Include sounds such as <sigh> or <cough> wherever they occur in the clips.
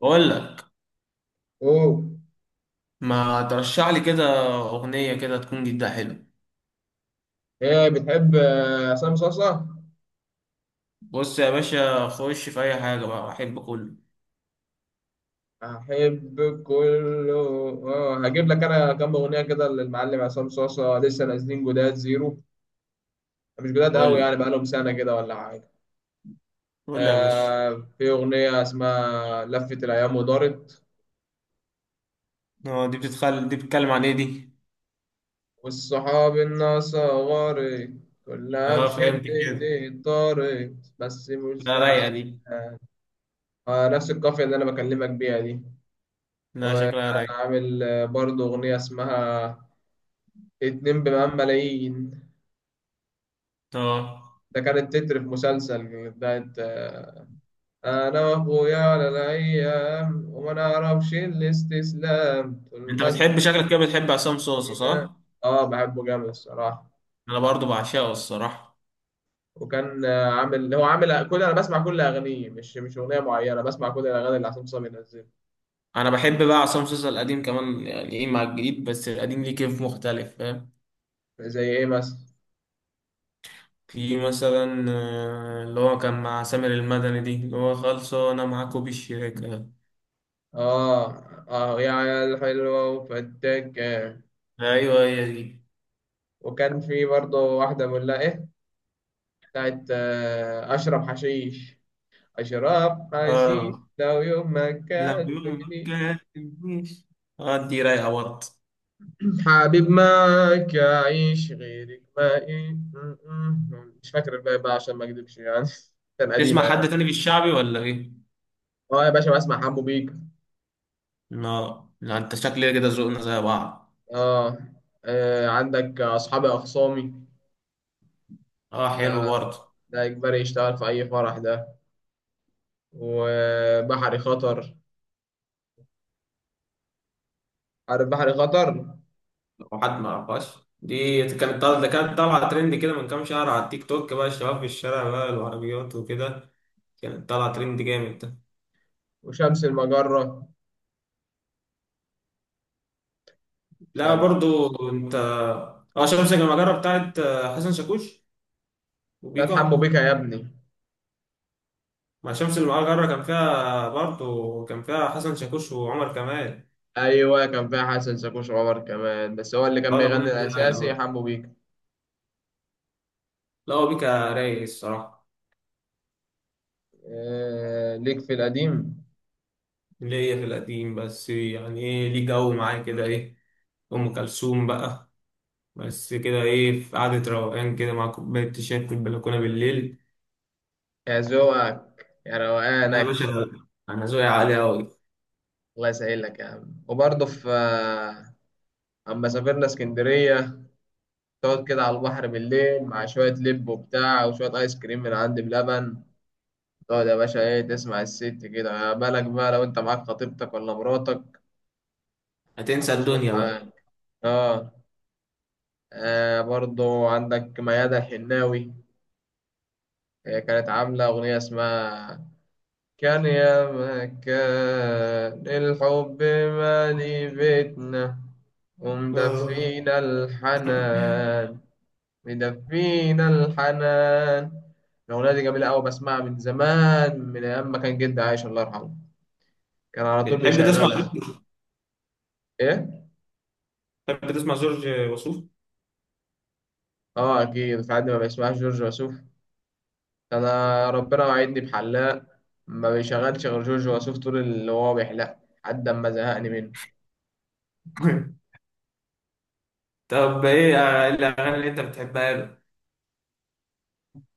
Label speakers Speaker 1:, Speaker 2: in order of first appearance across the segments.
Speaker 1: بقول لك،
Speaker 2: اوه.
Speaker 1: ما ترشح لي كده اغنيه كده تكون جدا حلوه.
Speaker 2: هي بتحب عصام صاصا.
Speaker 1: بص يا باشا، خش في اي حاجه بقى احب كله.
Speaker 2: احب كله. اه، هجيب لك انا كام اغنيه كده للمعلم عصام صاصا لسه نازلين جداد زيرو. مش جداد
Speaker 1: قول
Speaker 2: قوي يعني
Speaker 1: لي،
Speaker 2: بقالهم سنه كده ولا حاجه.
Speaker 1: قول لي يا باشا.
Speaker 2: في اغنيه اسمها لفت الايام ودارت،
Speaker 1: اه، دي بتتكلم عن ايه دي؟
Speaker 2: والصحاب الناس غارت كلها
Speaker 1: اه،
Speaker 2: بشدة،
Speaker 1: فهمت كده.
Speaker 2: طارت بس مش
Speaker 1: لا،
Speaker 2: زعلان.
Speaker 1: رايقه دي.
Speaker 2: آه، نفس القافية اللي أنا بكلمك بيها دي.
Speaker 1: لا، شكلها
Speaker 2: وكان
Speaker 1: رايقه.
Speaker 2: عامل برضه أغنية اسمها اتنين بمئات ملايين.
Speaker 1: اه،
Speaker 2: ده كانت تتر في مسلسل بتاعت أنا وأخويا على الأيام وما نعرفش الاستسلام طول
Speaker 1: انت
Speaker 2: ما
Speaker 1: بتحب شكلك كده بتحب عصام صوصه،
Speaker 2: الدنيا.
Speaker 1: صح؟
Speaker 2: آه، بحبه جامد الصراحة.
Speaker 1: انا برضو بعشقه الصراحه.
Speaker 2: وكان عامل هو عامل كل، أنا بسمع كل أغانيه، مش أغنية معينة، بسمع كل الأغاني اللي عصام صاوي بينزلها.
Speaker 1: انا بحب بقى عصام صوصه القديم كمان، يعني ايه مع الجديد، بس القديم ليه كيف مختلف، فاهم.
Speaker 2: زي إيه مثلا؟
Speaker 1: في مثلا اللي هو كان مع سامر المدني دي اللي هو خلصوا انا معاكوا بالشراكة.
Speaker 2: آه. آه يا عيال حلوة وفتاك.
Speaker 1: ايوه هي دي.
Speaker 2: وكان في برضه واحدة بقول لها إيه، بتاعت أشرب حشيش. أشرب حشيش
Speaker 1: اه،
Speaker 2: لو يوم ما
Speaker 1: لو يوم ما
Speaker 2: كلمني
Speaker 1: كاتبنيش. اه، دي رايقة برضه.
Speaker 2: حبيب معاك أعيش غيرك ما إيه مش فاكر الباقي بقى عشان ما أكدبش يعني <laughs> كان قديمة
Speaker 1: بتسمع حد
Speaker 2: يعني.
Speaker 1: تاني في الشعبي ولا ايه؟
Speaker 2: أه يا باشا، بسمع حمو بيك.
Speaker 1: لا، لا، انت شكلي كده ذوقنا زي بعض.
Speaker 2: أه. عندك أصحابي أخصامي.
Speaker 1: اه،
Speaker 2: ده
Speaker 1: حلو برضه.
Speaker 2: ده إجباري يشتغل في أي فرح ده. وبحري خطر. عارف بحري خطر؟
Speaker 1: لو حد ما عرفهاش. دي كانت طالعة ده كانت طالعة ترند كده من كام شهر على التيك توك، بقى الشباب في الشارع بقى العربيات وكده. كانت طالعة ترند جامد.
Speaker 2: وشمس المجرة.
Speaker 1: لا
Speaker 2: شمس
Speaker 1: برضو انت. اه، شمس المجرة بتاعت حسن شاكوش
Speaker 2: بتاعت حمو
Speaker 1: وبيكا.
Speaker 2: بيكا يا ابني.
Speaker 1: مع شمس المجرة كان فيها برضو كان فيها حسن شاكوش وعمر كمال.
Speaker 2: ايوه، كان فيها حسن شاكوش، عمر كمان، بس هو اللي كان
Speaker 1: اه،
Speaker 2: بيغني
Speaker 1: الأغنية دي رايقة
Speaker 2: الاساسي
Speaker 1: بقى.
Speaker 2: حمو بيكا.
Speaker 1: لا، هو بيكا رايق الصراحة.
Speaker 2: آه، ليك في القديم.
Speaker 1: اللي هي في القديم، بس يعني ايه ليه جو معاه كده ايه. أم كلثوم بقى. بس كده ايه، في قعدة روقان كده مع كوباية شاي في البلكونة بالليل.
Speaker 2: يا ذوقك يا
Speaker 1: انا يا
Speaker 2: روقانك.
Speaker 1: باشا، انا ذوقي عالي أوي.
Speaker 2: الله يسهلك يا عم. وبرضه في اما سافرنا اسكندريه، تقعد كده على البحر بالليل مع شويه لب وبتاع وشويه ايس كريم من عند بلبن، تقعد يا باشا ايه، تسمع الست كده، يا بالك بقى لو انت معاك خطيبتك ولا مراتك.
Speaker 1: هتنسى
Speaker 2: هتظبط
Speaker 1: الدنيا بقى.
Speaker 2: معاك. اه. برضه عندك ميادة الحناوي. هي كانت عاملة أغنية اسمها كان يا ما كان الحب مالي بيتنا
Speaker 1: اه،
Speaker 2: ومدفينا الحنان. مدفينا الحنان. الأغنية دي جميلة أوي، بسمعها من زمان من أيام ما كان جدي عايش، الله يرحمه، كان على طول
Speaker 1: بتحب
Speaker 2: بيشغلها.
Speaker 1: تسمع
Speaker 2: إيه؟
Speaker 1: بتحب تسمع جورج وسوف.
Speaker 2: آه، أكيد. في حد ما بيسمعش جورج وسوف؟ أنا
Speaker 1: <laughs>
Speaker 2: ربنا وعدني بحلاق ما بيشغلش غير جورج وسوف طول اللي هو بيحلق لحد ما زهقني منه.
Speaker 1: طب ايه الاغاني اللي انت بتحبها له.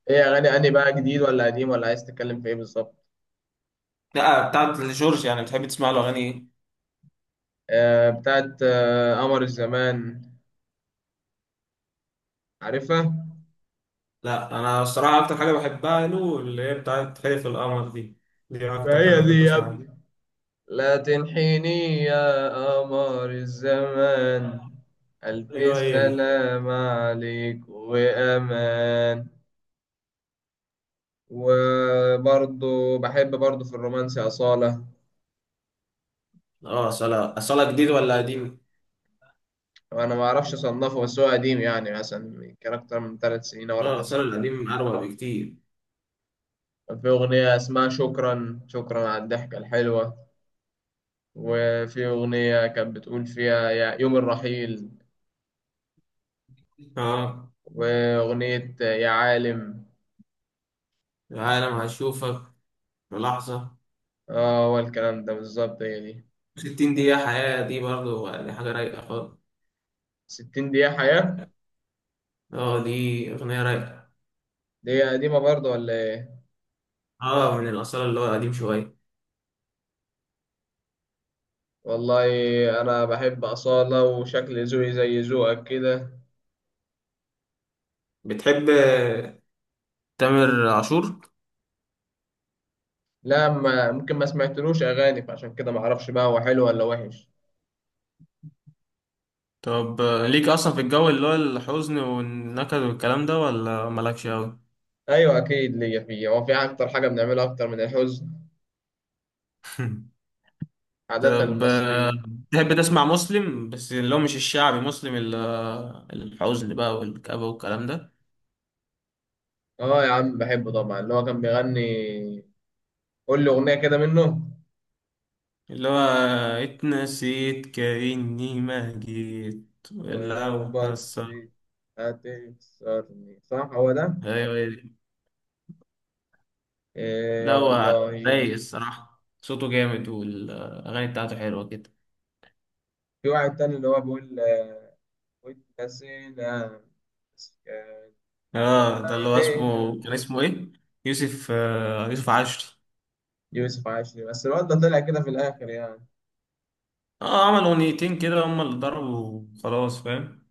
Speaker 2: ايه اغاني اني بقى، جديد ولا قديم ولا عايز تتكلم في ايه بالظبط؟
Speaker 1: لا، بتاعت جورج يعني بتحب تسمع له اغاني ايه.
Speaker 2: آه، بتاعت قمر الزمان. عارفها؟
Speaker 1: لا، انا الصراحه اكتر حاجه بحبها له اللي هي بتاعت خلف القمر دي. دي
Speaker 2: ما
Speaker 1: اكتر حاجه
Speaker 2: هي
Speaker 1: بحب
Speaker 2: دي يا
Speaker 1: اسمعها
Speaker 2: ابني.
Speaker 1: له.
Speaker 2: لا تنحيني يا قمر الزمان،
Speaker 1: ايوه
Speaker 2: ألف
Speaker 1: هي دي.
Speaker 2: سلام عليك وأمان. وبرضه بحب برضه في الرومانسي أصالة.
Speaker 1: اه، صلاة جديد ولا قديم؟
Speaker 2: وأنا ما أعرفش أصنفه، بس هو قديم يعني مثلا كان أكتر من 3 سنين أو
Speaker 1: اه،
Speaker 2: أربع
Speaker 1: صلاة
Speaker 2: سنين
Speaker 1: القديم أروع بكتير.
Speaker 2: كان في أغنية اسمها شكرا شكرا على الضحكة الحلوة، وفي أغنية كانت بتقول فيها يا يوم الرحيل،
Speaker 1: اه،
Speaker 2: وأغنية يا عالم.
Speaker 1: عالم هشوفك في لحظة.
Speaker 2: اه، هو الكلام ده بالظبط، هي دي.
Speaker 1: 60 دقيقة حياة دي برضو يعني حاجة رايقة خالص.
Speaker 2: 60 دقيقة حياة.
Speaker 1: اه، دي أغنية رايقة.
Speaker 2: دي هي قديمة برضه ولا ايه؟
Speaker 1: اه، من الأصالة اللي هو قديم شوية.
Speaker 2: والله أنا بحب أصالة، وشكل ذوقي زي ذوقك كده.
Speaker 1: بتحب تامر عاشور؟
Speaker 2: لا، ما ممكن، ما سمعتلوش أغاني، فعشان كده ما أعرفش بقى هو حلو ولا وحش.
Speaker 1: طب ليك اصلا في الجو اللي هو الحزن والنكد والكلام ده، ولا مالكش اوي؟
Speaker 2: أيوة أكيد ليا فيه، هو في أكتر حاجة بنعملها أكتر من الحزن؟
Speaker 1: <laughs>
Speaker 2: عادة
Speaker 1: طب
Speaker 2: المصريين.
Speaker 1: تحب تسمع مسلم، بس اللي هو مش الشعبي مسلم الحزن بقى والكآبة والكلام ده.
Speaker 2: اه يا عم، بحبه طبعا. اللي هو كان بيغني، قول لي أغنية كده منه.
Speaker 1: اللي هو اتنسيت كأني ما جيت
Speaker 2: ولو
Speaker 1: لو
Speaker 2: بس
Speaker 1: حصل.
Speaker 2: هتكسرني، صح هو ده؟
Speaker 1: ايوه هي دي.
Speaker 2: إيه يا
Speaker 1: لا، هو
Speaker 2: والله.
Speaker 1: رايق الصراحة، صوته جامد والأغاني بتاعته حلوة كده.
Speaker 2: في واحد تاني اللي هو بيقول واتنسينا مسكين
Speaker 1: اه، ده اللي هو
Speaker 2: علينا.
Speaker 1: اسمه ايه؟ يوسف عاشور.
Speaker 2: يوسف عاشري، بس الواد ده طلع كده في الآخر يعني.
Speaker 1: اه، عمل اغنيتين كده هما اللي ضربوا خلاص، فاهم.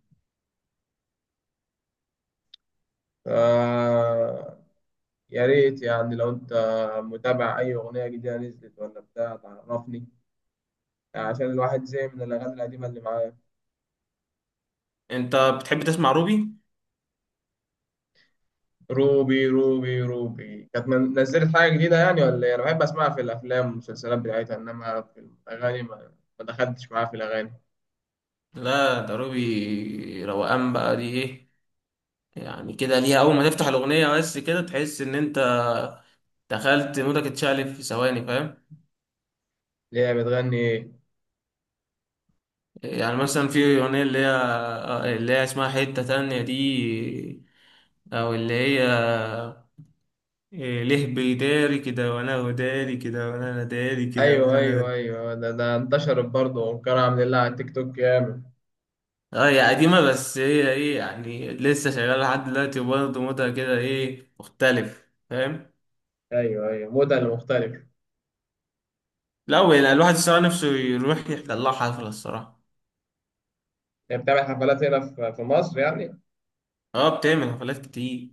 Speaker 2: ف يا ريت يعني لو أنت متابع أي أغنية جديدة نزلت ولا بتاع تعرفني، عشان الواحد زهق من الأغاني القديمة اللي معاه.
Speaker 1: انت بتحب تسمع روبي؟
Speaker 2: روبي، روبي، روبي، كانت نزلت حاجة جديدة يعني ولا إيه؟ أنا بحب أسمعها في الأفلام والمسلسلات بتاعتها، إنما في الأغاني ما دخلتش معاها في الأغاني.
Speaker 1: لا، ده روبي روقان بقى دي ايه. يعني كده ليها اول ما تفتح الاغنيه بس كده تحس ان انت دخلت مودك اتشقلب في ثواني، فاهم.
Speaker 2: اللي هي بتغني إيه؟
Speaker 1: يعني مثلا في اغنيه اللي هي اسمها حته تانية دي. او اللي هي إيه، ليه بيداري كده وانا وداري كده وانا أنا داري كده
Speaker 2: أيوه
Speaker 1: وانا.
Speaker 2: أيوه أيوه، ده انتشرت برضه، وكان عامل لها على تيك توك جامد.
Speaker 1: اه، هي قديمة بس هي ايه يعني لسه شغالة لحد دلوقتي، وبرضه مودها كده ايه مختلف، فاهم؟
Speaker 2: أيوه أيوه، موديل مختلف.
Speaker 1: لا، ولا الواحد الصراحة نفسه يروح يحضر لها حفلة الصراحة.
Speaker 2: هي بتعمل حفلات هنا في مصر يعني؟
Speaker 1: اه، بتعمل حفلات كتير.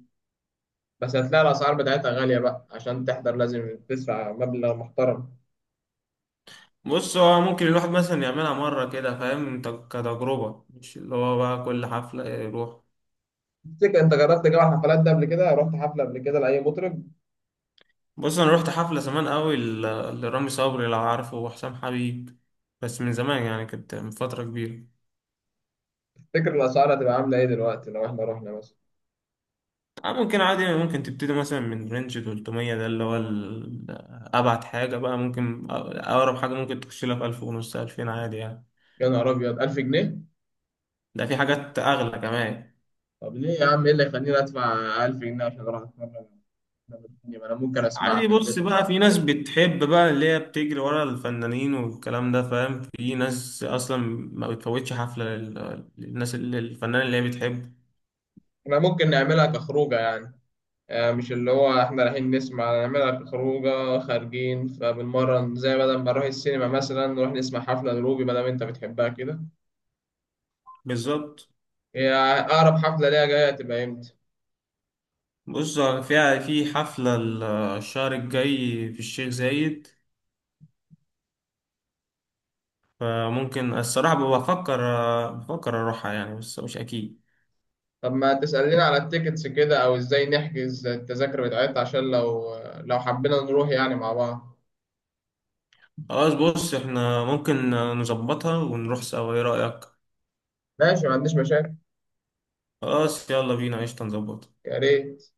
Speaker 2: بس هتلاقي الأسعار بتاعتها غالية بقى، عشان تحضر لازم تدفع مبلغ محترم.
Speaker 1: بص، هو ممكن الواحد مثلا يعملها مرة كده فاهم انت، كتجربة، مش اللي هو بقى كل حفلة يروح.
Speaker 2: تفتكر أنت جربت جو الحفلات ده قبل كده؟ رحت حفلة قبل كده لأي مطرب؟
Speaker 1: بص انا رحت حفلة زمان قوي لرامي صبري لو عارفه، وحسام حبيب. بس من زمان يعني، كانت من فترة كبيرة.
Speaker 2: تفتكر الأسعار هتبقى عاملة إيه دلوقتي لو إحنا رحنا مثلا؟
Speaker 1: ممكن عادي، ممكن تبتدي مثلا من رينج 300 ده اللي هو أبعد حاجة بقى. ممكن أقرب حاجة ممكن تخش لها في 1000 ونص 2000 عادي يعني.
Speaker 2: يا نهار ابيض، 1000 جنيه؟
Speaker 1: ده في حاجات أغلى كمان.
Speaker 2: طب ليه يا عم، ايه اللي يخليني ادفع 1000 جنيه عشان اروح اتمرن؟ أنا بتكلم، أنا ممكن اسمعها
Speaker 1: عادي،
Speaker 2: في
Speaker 1: بص
Speaker 2: البيت
Speaker 1: بقى في
Speaker 2: وخلاص.
Speaker 1: ناس بتحب بقى اللي هي بتجري ورا الفنانين والكلام ده فاهم. في ناس أصلا ما بتفوتش حفلة للناس اللي الفنان اللي هي بتحبه.
Speaker 2: احنا ممكن نعملها كخروجه يعني، مش اللي هو احنا رايحين نسمع، نعملها كخروجه، خارجين فبنمرن، زي بدل ما نروح السينما مثلا نروح نسمع حفله لروبي ما دام انت بتحبها كده.
Speaker 1: بالظبط.
Speaker 2: هي اقرب حفله ليها جايه تبقى امتى؟
Speaker 1: بص، فيها في حفلة الشهر الجاي في الشيخ زايد. فممكن الصراحة، بفكر، أروحها يعني بس مش أكيد.
Speaker 2: طب ما تسألينا على التيكتس كده، او ازاي نحجز التذاكر بتاعتها؟ عشان لو حبينا نروح يعني مع بعض.
Speaker 1: خلاص بص، إحنا ممكن نظبطها ونروح سوا، إيه رأيك؟
Speaker 2: ماشي، ما عنديش مشاكل.
Speaker 1: خلاص يلا بينا، قشطة نظبطها.
Speaker 2: يا ريت.